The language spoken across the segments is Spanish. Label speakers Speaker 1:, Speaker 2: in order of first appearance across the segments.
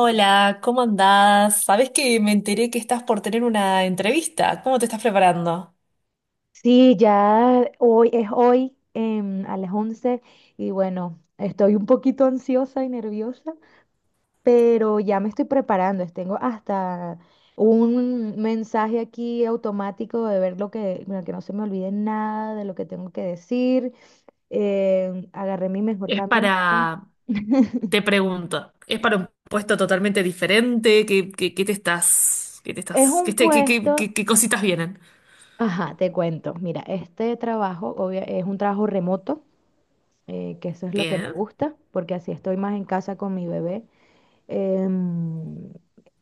Speaker 1: Hola, ¿cómo andás? Sabés que me enteré que estás por tener una entrevista. ¿Cómo te estás preparando?
Speaker 2: Sí, ya hoy es hoy a las 11 y bueno, estoy un poquito ansiosa y nerviosa, pero ya me estoy preparando. Tengo hasta un mensaje aquí automático de ver lo que, bueno, que no se me olvide nada de lo que tengo que decir. Agarré mi mejor
Speaker 1: Es
Speaker 2: camisa.
Speaker 1: para, te pregunto, es para un puesto totalmente diferente, ¿qué, qué- qué te estás, qué te
Speaker 2: Es
Speaker 1: estás, qué,
Speaker 2: un
Speaker 1: te- qué- qué-
Speaker 2: puesto,
Speaker 1: qué- qué cositas vienen?
Speaker 2: ajá, te cuento. Mira, este trabajo es un trabajo remoto, que eso es lo que me
Speaker 1: Bien.
Speaker 2: gusta, porque así estoy más en casa con mi bebé. em,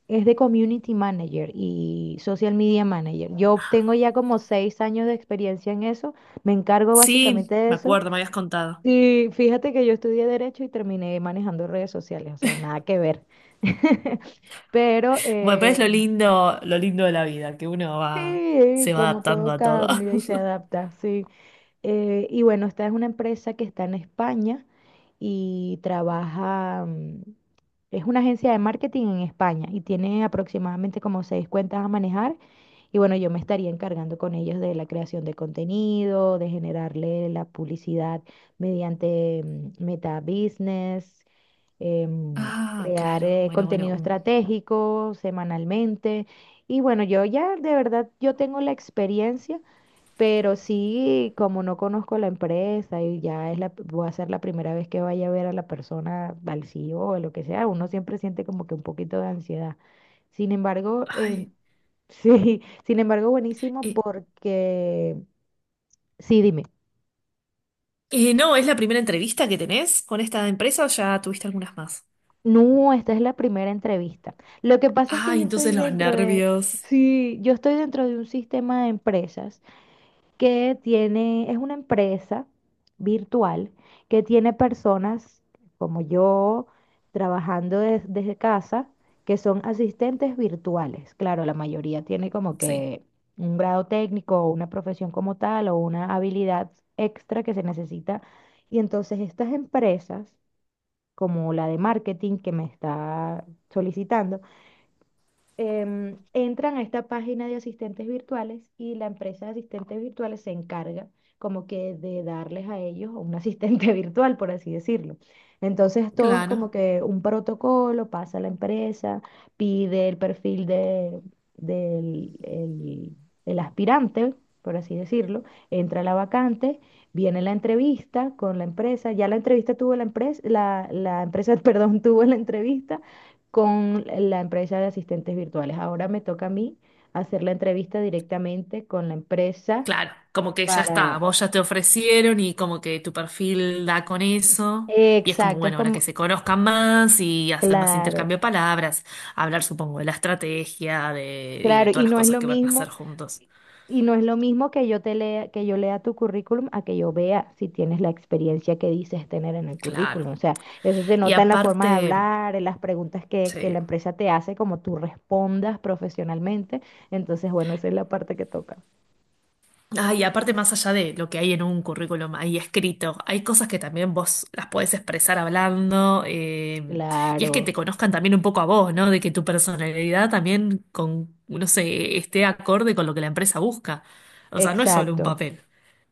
Speaker 2: es de Community Manager y Social Media Manager. Yo tengo ya como 6 años de experiencia en eso, me encargo básicamente
Speaker 1: Sí,
Speaker 2: de
Speaker 1: me
Speaker 2: eso.
Speaker 1: acuerdo, me habías contado.
Speaker 2: Y fíjate que yo estudié Derecho y terminé manejando redes sociales, o sea, nada que ver. Pero
Speaker 1: Bueno, pero es lo lindo, lo lindo de la vida, que uno va,
Speaker 2: sí,
Speaker 1: se va
Speaker 2: como
Speaker 1: adaptando
Speaker 2: todo
Speaker 1: a todo.
Speaker 2: cambia y se adapta, sí. Y bueno, esta es una empresa que está en España y trabaja, es una agencia de marketing en España y tiene aproximadamente como 6 cuentas a manejar. Y bueno, yo me estaría encargando con ellos de la creación de contenido, de generarle la publicidad mediante Meta Business,
Speaker 1: Ah,
Speaker 2: crear
Speaker 1: claro, bueno.
Speaker 2: contenido estratégico semanalmente. Y bueno, yo ya de verdad, yo tengo la experiencia pero sí, como no conozco la empresa y ya es la, voy a ser la primera vez que vaya a ver a la persona, al CEO o lo que sea, uno siempre siente como que un poquito de ansiedad. Sin embargo,
Speaker 1: Ay,
Speaker 2: sí, sin embargo, buenísimo
Speaker 1: eh,
Speaker 2: porque, sí, dime,
Speaker 1: no, ¿es la primera entrevista que tenés con esta empresa o ya tuviste algunas más?
Speaker 2: no, esta es la primera entrevista. Lo que pasa es que
Speaker 1: Ay,
Speaker 2: yo estoy
Speaker 1: entonces los
Speaker 2: dentro de,
Speaker 1: nervios.
Speaker 2: sí, yo estoy dentro de un sistema de empresas que tiene, es una empresa virtual que tiene personas como yo trabajando desde casa que son asistentes virtuales. Claro, la mayoría tiene como
Speaker 1: Sí,
Speaker 2: que un grado técnico o una profesión como tal o una habilidad extra que se necesita. Y entonces estas empresas, como la de marketing que me está solicitando, entran a esta página de asistentes virtuales y la empresa de asistentes virtuales se encarga como que de darles a ellos un asistente virtual, por así decirlo. Entonces todo es como
Speaker 1: claro,
Speaker 2: que un protocolo, pasa a la empresa, pide el perfil de, del el- el aspirante, por así decirlo, entra la vacante, viene la entrevista con la empresa, ya la entrevista tuvo la empresa, la empresa, perdón, tuvo la entrevista con la empresa de asistentes virtuales. Ahora me toca a mí hacer la entrevista directamente con la empresa
Speaker 1: claro. Como que ya está,
Speaker 2: para...
Speaker 1: vos ya te ofrecieron y como que tu perfil da con eso. Y es como,
Speaker 2: Exacto, es
Speaker 1: bueno, ahora que
Speaker 2: como,
Speaker 1: se conozcan más y hacer más intercambio
Speaker 2: claro,
Speaker 1: de palabras, hablar, supongo, de la estrategia de, y de
Speaker 2: claro,
Speaker 1: todas
Speaker 2: y
Speaker 1: las
Speaker 2: no es
Speaker 1: cosas
Speaker 2: lo
Speaker 1: que van a hacer
Speaker 2: mismo,
Speaker 1: juntos.
Speaker 2: y no es lo mismo que yo te lea, que yo lea tu currículum a que yo vea si tienes la experiencia que dices tener en el
Speaker 1: Claro.
Speaker 2: currículum. O sea, eso se
Speaker 1: Y
Speaker 2: nota en la forma de
Speaker 1: aparte,
Speaker 2: hablar, en las preguntas que
Speaker 1: sí.
Speaker 2: la empresa te hace, como tú respondas profesionalmente. Entonces, bueno, esa es la parte que toca.
Speaker 1: Ah, y aparte, más allá de lo que hay en un currículum ahí escrito, hay cosas que también vos las podés expresar hablando, y es que te
Speaker 2: Claro,
Speaker 1: conozcan también un poco a vos, ¿no? De que tu personalidad también con, no sé, esté acorde con lo que la empresa busca. O sea, no es solo un
Speaker 2: exacto.
Speaker 1: papel.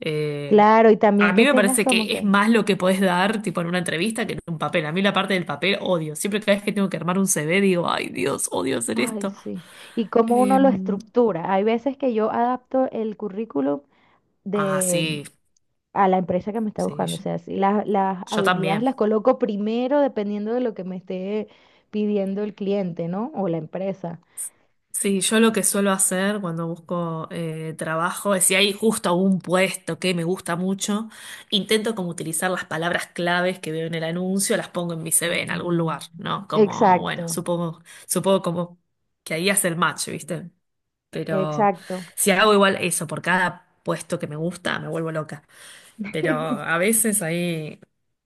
Speaker 1: Eh,
Speaker 2: Claro, y
Speaker 1: a
Speaker 2: también
Speaker 1: mí
Speaker 2: que
Speaker 1: me
Speaker 2: tengas
Speaker 1: parece
Speaker 2: como
Speaker 1: que es
Speaker 2: que,
Speaker 1: más lo que podés dar, tipo en una entrevista, que en un papel. A mí la parte del papel odio. Siempre cada vez que tengo que armar un CV digo, ay Dios, odio hacer
Speaker 2: ay,
Speaker 1: esto.
Speaker 2: sí, y cómo uno lo
Speaker 1: Em,
Speaker 2: estructura. Hay veces que yo adapto el currículum
Speaker 1: ah,
Speaker 2: de,
Speaker 1: sí,
Speaker 2: a la empresa que me está
Speaker 1: sí,
Speaker 2: buscando. O
Speaker 1: yo
Speaker 2: sea, si las
Speaker 1: yo
Speaker 2: habilidades
Speaker 1: también.
Speaker 2: las coloco primero dependiendo de lo que me esté pidiendo el cliente, ¿no? O la empresa.
Speaker 1: Sí, yo lo que suelo hacer cuando busco trabajo es si hay justo un puesto que me gusta mucho, intento como utilizar las palabras claves que veo en el anuncio, las pongo en mi CV en
Speaker 2: Ujú.
Speaker 1: algún lugar, ¿no? Como, bueno,
Speaker 2: Exacto,
Speaker 1: supongo como que ahí hace el match, ¿viste? Pero
Speaker 2: exacto.
Speaker 1: si hago igual eso por cada puesto que me gusta, me vuelvo loca. Pero a veces ahí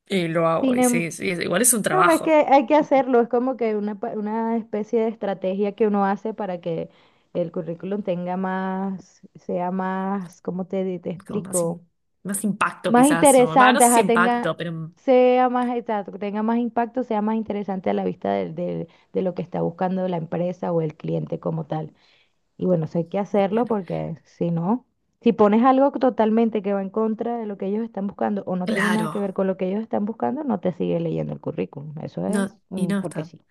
Speaker 1: lo hago
Speaker 2: Sin
Speaker 1: y
Speaker 2: em-
Speaker 1: sí, sí, igual es un
Speaker 2: No, es que
Speaker 1: trabajo,
Speaker 2: hay que hacerlo, es como que una, una especie de estrategia que uno hace para que el currículum tenga más, sea más, ¿cómo te, te
Speaker 1: como más, im-
Speaker 2: explico?
Speaker 1: más impacto
Speaker 2: Más
Speaker 1: quizás, ¿no? Va, no
Speaker 2: interesante,
Speaker 1: sé si
Speaker 2: ajá, tenga,
Speaker 1: impacto, pero...
Speaker 2: sea más, exacto, que tenga más impacto, sea más interesante a la vista de, lo que está buscando la empresa o el cliente como tal. Y bueno, eso hay que hacerlo porque si no, si pones algo totalmente que va en contra de lo que ellos están buscando o no tiene nada
Speaker 1: Claro,
Speaker 2: que ver con lo que ellos están buscando, no te sigue leyendo el currículum. Eso es
Speaker 1: no, y no
Speaker 2: porque
Speaker 1: está.
Speaker 2: sí.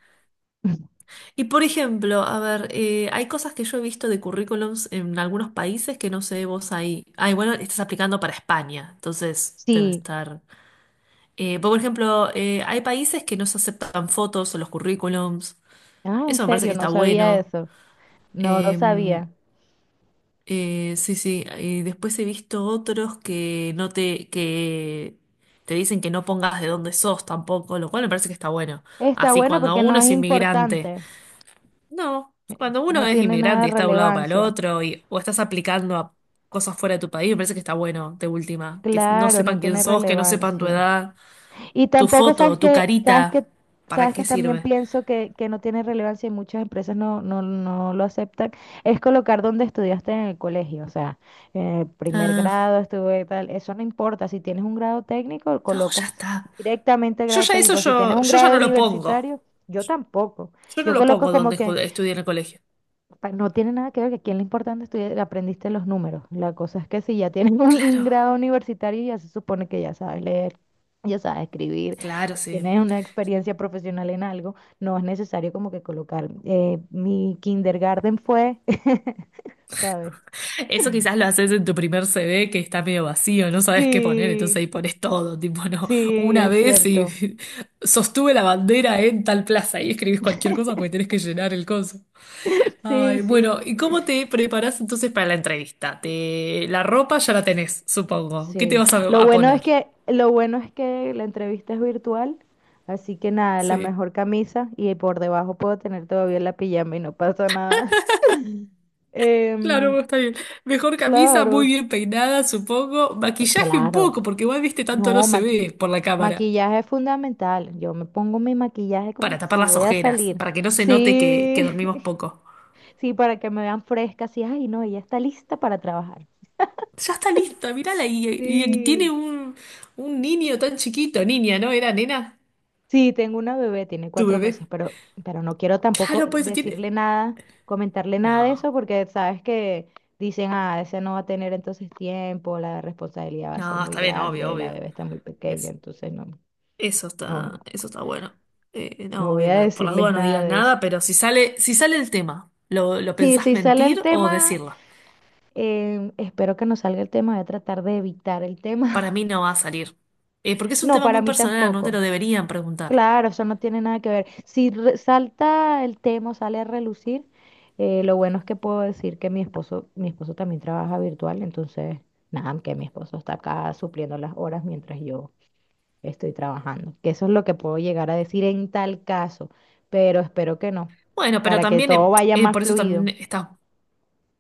Speaker 1: Y por ejemplo, a ver, hay cosas que yo he visto de currículums en algunos países que no sé vos ahí. Ay, bueno, estás aplicando para España, entonces debe
Speaker 2: Sí.
Speaker 1: estar. Por ejemplo, hay países que no se aceptan fotos en los currículums.
Speaker 2: Ah, en
Speaker 1: Eso me parece
Speaker 2: serio,
Speaker 1: que
Speaker 2: no
Speaker 1: está
Speaker 2: sabía
Speaker 1: bueno.
Speaker 2: eso. No lo
Speaker 1: Em,
Speaker 2: sabía.
Speaker 1: sí, sí. Y después he visto otros que no te, que te dicen que no pongas de dónde sos tampoco, lo cual me parece que está bueno.
Speaker 2: Está
Speaker 1: Así
Speaker 2: bueno
Speaker 1: cuando
Speaker 2: porque no
Speaker 1: uno
Speaker 2: es
Speaker 1: es inmigrante.
Speaker 2: importante.
Speaker 1: No, cuando uno
Speaker 2: No
Speaker 1: es
Speaker 2: tiene nada
Speaker 1: inmigrante y
Speaker 2: de
Speaker 1: está de un lado para el
Speaker 2: relevancia.
Speaker 1: otro y, o estás aplicando a cosas fuera de tu país, me parece que está bueno, de última, que no
Speaker 2: Claro, no
Speaker 1: sepan quién
Speaker 2: tiene
Speaker 1: sos, que no sepan tu
Speaker 2: relevancia.
Speaker 1: edad,
Speaker 2: Y
Speaker 1: tu
Speaker 2: tampoco
Speaker 1: foto,
Speaker 2: sabes
Speaker 1: tu
Speaker 2: que, sabes que,
Speaker 1: carita, ¿para
Speaker 2: sabes que
Speaker 1: qué
Speaker 2: también
Speaker 1: sirve?
Speaker 2: pienso que no tiene relevancia y muchas empresas no lo aceptan, es colocar donde estudiaste en el colegio. O sea, en el primer
Speaker 1: Ah,
Speaker 2: grado estuve tal, eso no importa. Si tienes un grado técnico,
Speaker 1: no, ya
Speaker 2: colocas
Speaker 1: está.
Speaker 2: directamente el
Speaker 1: Yo
Speaker 2: grado
Speaker 1: ya eso
Speaker 2: técnico. Si tienes un
Speaker 1: yo ya
Speaker 2: grado
Speaker 1: no lo pongo.
Speaker 2: universitario, yo tampoco.
Speaker 1: Yo no
Speaker 2: Yo
Speaker 1: lo
Speaker 2: coloco
Speaker 1: pongo
Speaker 2: como
Speaker 1: donde
Speaker 2: que
Speaker 1: estudié en el colegio.
Speaker 2: No tiene nada que ver, que aquí lo importante es que aprendiste los números. La cosa es que si ya tienes un
Speaker 1: Claro,
Speaker 2: grado universitario, ya se supone que ya sabes leer, ya sabes escribir,
Speaker 1: claro, sí.
Speaker 2: tienes una experiencia profesional en algo, no es necesario como que colocar, mi kindergarten fue, ¿sabes?
Speaker 1: Eso quizás lo haces en tu primer CD que está medio vacío, no sabes qué poner, entonces
Speaker 2: Sí,
Speaker 1: ahí pones todo, tipo, no,
Speaker 2: sí,
Speaker 1: una
Speaker 2: es
Speaker 1: vez y
Speaker 2: cierto.
Speaker 1: sostuve la bandera en tal plaza y escribís cualquier cosa porque tenés que llenar el coso.
Speaker 2: Sí,
Speaker 1: Ay,
Speaker 2: sí.
Speaker 1: bueno, ¿y cómo te preparás entonces para la entrevista? Te... La ropa ya la tenés, supongo. ¿Qué te
Speaker 2: Sí,
Speaker 1: vas
Speaker 2: lo
Speaker 1: a
Speaker 2: bueno es
Speaker 1: poner?
Speaker 2: que lo bueno es que la entrevista es virtual, así que nada, la
Speaker 1: Sí.
Speaker 2: mejor camisa y por debajo puedo tener todavía la pijama y no pasa nada. Em,
Speaker 1: Claro, está bien. Mejor camisa, muy
Speaker 2: claro,
Speaker 1: bien peinada, supongo.
Speaker 2: pues
Speaker 1: Maquillaje un poco,
Speaker 2: claro.
Speaker 1: porque igual viste tanto no
Speaker 2: No,
Speaker 1: se ve por la cámara.
Speaker 2: maquillaje es fundamental. Yo me pongo mi maquillaje como
Speaker 1: Para tapar
Speaker 2: si
Speaker 1: las
Speaker 2: voy a
Speaker 1: ojeras,
Speaker 2: salir.
Speaker 1: para que no se note que
Speaker 2: Sí,
Speaker 1: dormimos poco.
Speaker 2: sí, para que me vean fresca, así, ay, no, ella está lista para trabajar.
Speaker 1: Ya está lista, mírala. Y tiene
Speaker 2: Sí.
Speaker 1: un niño tan chiquito, niña, ¿no? Era nena,
Speaker 2: Sí, tengo una bebé, tiene
Speaker 1: tu
Speaker 2: cuatro
Speaker 1: bebé.
Speaker 2: meses, pero no quiero tampoco
Speaker 1: Claro, pues tiene.
Speaker 2: decirle nada, comentarle nada de
Speaker 1: No,
Speaker 2: eso, porque sabes que dicen, ah, ese no va a tener entonces tiempo, la responsabilidad va a ser
Speaker 1: no,
Speaker 2: muy
Speaker 1: está bien, obvio,
Speaker 2: grande, la
Speaker 1: obvio.
Speaker 2: bebé está muy pequeña,
Speaker 1: Es,
Speaker 2: entonces no, no,
Speaker 1: eso está bueno.
Speaker 2: no
Speaker 1: No,
Speaker 2: voy
Speaker 1: obvio,
Speaker 2: a
Speaker 1: no, por las
Speaker 2: decirles
Speaker 1: dudas no
Speaker 2: nada
Speaker 1: digas
Speaker 2: de eso.
Speaker 1: nada, pero si sale, si sale el tema, lo
Speaker 2: Sí,
Speaker 1: pensás
Speaker 2: si sale el
Speaker 1: mentir o
Speaker 2: tema,
Speaker 1: decirla?
Speaker 2: espero que no salga el tema, voy a tratar de evitar el
Speaker 1: Para
Speaker 2: tema.
Speaker 1: mí no va a salir. Porque es un
Speaker 2: No,
Speaker 1: tema
Speaker 2: para
Speaker 1: muy
Speaker 2: mí
Speaker 1: personal, no te
Speaker 2: tampoco.
Speaker 1: lo deberían preguntar.
Speaker 2: Claro, eso no tiene nada que ver. Si salta el tema, o sale a relucir, lo bueno es que puedo decir que mi esposo también trabaja virtual, entonces, nada, que mi esposo está acá supliendo las horas mientras yo estoy trabajando. Que eso es lo que puedo llegar a decir en tal caso, pero espero que no,
Speaker 1: Bueno, pero
Speaker 2: para que
Speaker 1: también,
Speaker 2: todo vaya más
Speaker 1: por eso
Speaker 2: fluido.
Speaker 1: también estás,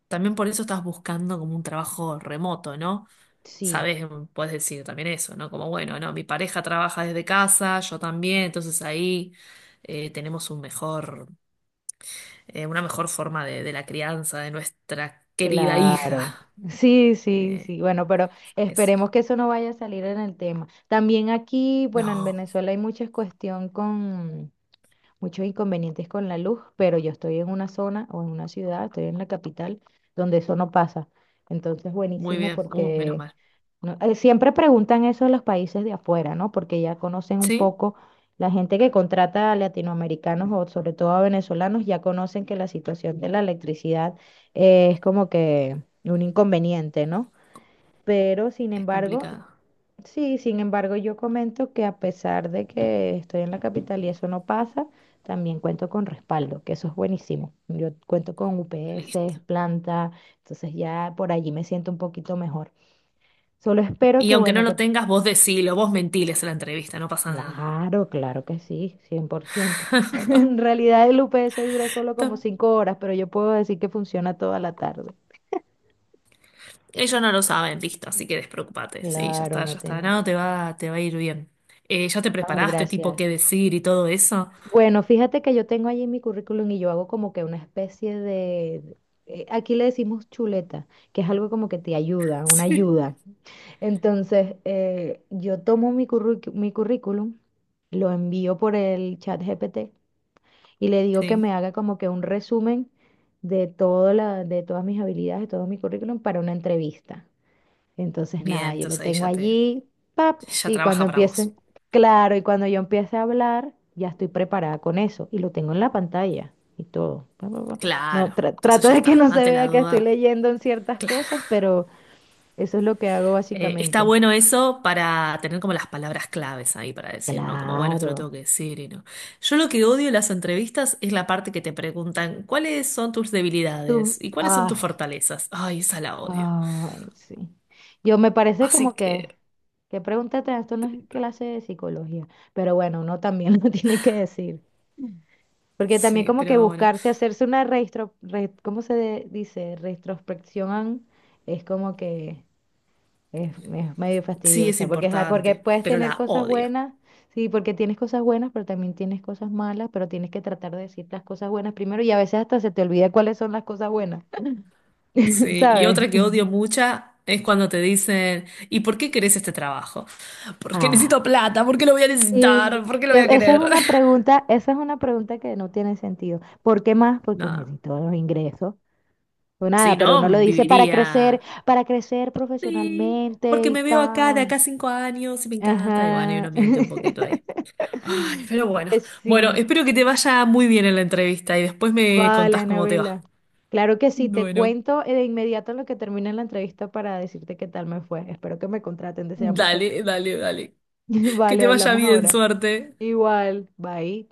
Speaker 1: también por eso estás buscando como un trabajo remoto, ¿no?
Speaker 2: Sí.
Speaker 1: Sabes, puedes decir también eso, ¿no? Como, bueno, no, mi pareja trabaja desde casa, yo también, entonces ahí tenemos un mejor, una mejor forma de la crianza de nuestra querida
Speaker 2: Claro,
Speaker 1: hija.
Speaker 2: sí, sí, sí,
Speaker 1: Eh,
Speaker 2: bueno, pero
Speaker 1: eso.
Speaker 2: esperemos que eso no vaya a salir en el tema. También aquí, bueno, en
Speaker 1: No,
Speaker 2: Venezuela hay mucha cuestión con muchos inconvenientes con la luz, pero yo estoy en una zona o en una ciudad, estoy en la capital, donde eso no pasa. Entonces,
Speaker 1: muy
Speaker 2: buenísimo
Speaker 1: bien, menos
Speaker 2: porque
Speaker 1: mal.
Speaker 2: no, siempre preguntan eso a los países de afuera, ¿no? Porque ya conocen un
Speaker 1: ¿Sí?
Speaker 2: poco, la gente que contrata a latinoamericanos o sobre todo a venezolanos, ya conocen que la situación de la electricidad es como que un inconveniente, ¿no? Pero sin
Speaker 1: Es
Speaker 2: embargo,
Speaker 1: complicado.
Speaker 2: sí, sin embargo, yo comento que a pesar de que estoy en la capital y eso no pasa, también cuento con respaldo, que eso es buenísimo. Yo cuento con
Speaker 1: Listo.
Speaker 2: UPS, planta, entonces ya por allí me siento un poquito mejor. Solo espero
Speaker 1: Y
Speaker 2: que,
Speaker 1: aunque no
Speaker 2: bueno,
Speaker 1: lo
Speaker 2: que
Speaker 1: tengas, vos decilo, vos mentiles en la entrevista, no pasa
Speaker 2: claro, claro que sí, 100%. En realidad el UPS dura solo como
Speaker 1: nada.
Speaker 2: 5 horas, pero yo puedo decir que funciona toda la tarde.
Speaker 1: Ellos no lo saben, listo, así que despreocupate. Sí, ya
Speaker 2: Claro,
Speaker 1: está,
Speaker 2: no
Speaker 1: ya está. No,
Speaker 2: tiene.
Speaker 1: te va a ir bien. ¿Ya te
Speaker 2: Ay,
Speaker 1: preparaste, tipo, qué
Speaker 2: gracias.
Speaker 1: decir y todo eso?
Speaker 2: Bueno, fíjate que yo tengo allí mi currículum y yo hago como que una especie de... Aquí le decimos chuleta, que es algo como que te ayuda, una
Speaker 1: Sí.
Speaker 2: ayuda. Entonces, yo tomo mi mi currículum, lo envío por el chat GPT y le digo que
Speaker 1: Sí.
Speaker 2: me haga como que un resumen de todo la, de todas mis habilidades, de todo mi currículum para una entrevista. Entonces,
Speaker 1: Bien,
Speaker 2: nada, yo lo
Speaker 1: entonces ahí
Speaker 2: tengo
Speaker 1: ya te,
Speaker 2: allí, pap,
Speaker 1: ya
Speaker 2: y cuando
Speaker 1: trabaja para
Speaker 2: empiece,
Speaker 1: vos.
Speaker 2: claro, y cuando yo empiece a hablar, ya estoy preparada con eso y lo tengo en la pantalla y todo. Pa, pa, pa. No,
Speaker 1: Claro,
Speaker 2: trato
Speaker 1: entonces ya
Speaker 2: de que
Speaker 1: está,
Speaker 2: no se
Speaker 1: ante la
Speaker 2: vea que estoy
Speaker 1: duda.
Speaker 2: leyendo en ciertas
Speaker 1: Claro.
Speaker 2: cosas, pero eso es lo que hago
Speaker 1: Está
Speaker 2: básicamente.
Speaker 1: bueno eso para tener como las palabras claves ahí para decir, ¿no? Como, bueno, esto lo
Speaker 2: Claro.
Speaker 1: tengo que decir y no. Yo lo que odio en las entrevistas es la parte que te preguntan, ¿cuáles son tus debilidades
Speaker 2: Tú,
Speaker 1: y cuáles son tus
Speaker 2: ah,
Speaker 1: fortalezas? Ay, esa la odio.
Speaker 2: ay, sí. Yo me parece
Speaker 1: Así
Speaker 2: como
Speaker 1: que...
Speaker 2: que pregúntate, esto no es clase de psicología, pero bueno, uno también lo tiene que decir. Porque también
Speaker 1: Sí,
Speaker 2: como que
Speaker 1: pero bueno,
Speaker 2: buscarse, hacerse una registro, ¿cómo se dice? Retrospección es como que es medio
Speaker 1: sí es
Speaker 2: fastidiosa, porque, ajá, porque
Speaker 1: importante,
Speaker 2: puedes
Speaker 1: pero
Speaker 2: tener
Speaker 1: la
Speaker 2: cosas
Speaker 1: odio.
Speaker 2: buenas, sí, porque tienes cosas buenas, pero también tienes cosas malas, pero tienes que tratar de decir las cosas buenas primero y a veces hasta se te olvida cuáles son las cosas buenas,
Speaker 1: Sí, y
Speaker 2: ¿sabes?
Speaker 1: otra que odio mucha es cuando te dicen, ¿y por qué querés este trabajo? Porque necesito
Speaker 2: Ah.
Speaker 1: plata, ¿por qué lo voy a
Speaker 2: Sí,
Speaker 1: necesitar? ¿Por qué lo voy
Speaker 2: que
Speaker 1: a
Speaker 2: esa es
Speaker 1: querer?
Speaker 2: una pregunta, esa es una pregunta que no tiene sentido. ¿Por qué más? Porque
Speaker 1: No,
Speaker 2: necesito los ingresos. O nada,
Speaker 1: si
Speaker 2: pero uno lo
Speaker 1: no,
Speaker 2: dice
Speaker 1: viviría.
Speaker 2: para crecer
Speaker 1: Sí,
Speaker 2: profesionalmente
Speaker 1: porque
Speaker 2: y
Speaker 1: me veo acá de
Speaker 2: tal.
Speaker 1: acá a 5 años y me encanta. Y bueno, y
Speaker 2: Ajá.
Speaker 1: uno miente un poquito ahí. Ay, pero bueno. Bueno,
Speaker 2: Sí,
Speaker 1: espero que te vaya muy bien en la entrevista y después me
Speaker 2: vale,
Speaker 1: contás cómo te va.
Speaker 2: Anabela. Claro que sí, te
Speaker 1: Bueno,
Speaker 2: cuento de inmediato en lo que termine la entrevista para decirte qué tal me fue. Espero que me contraten, deseame suerte.
Speaker 1: dale, dale, dale. Que
Speaker 2: Vale,
Speaker 1: te vaya
Speaker 2: hablamos
Speaker 1: bien,
Speaker 2: ahora.
Speaker 1: suerte.
Speaker 2: Igual, bye.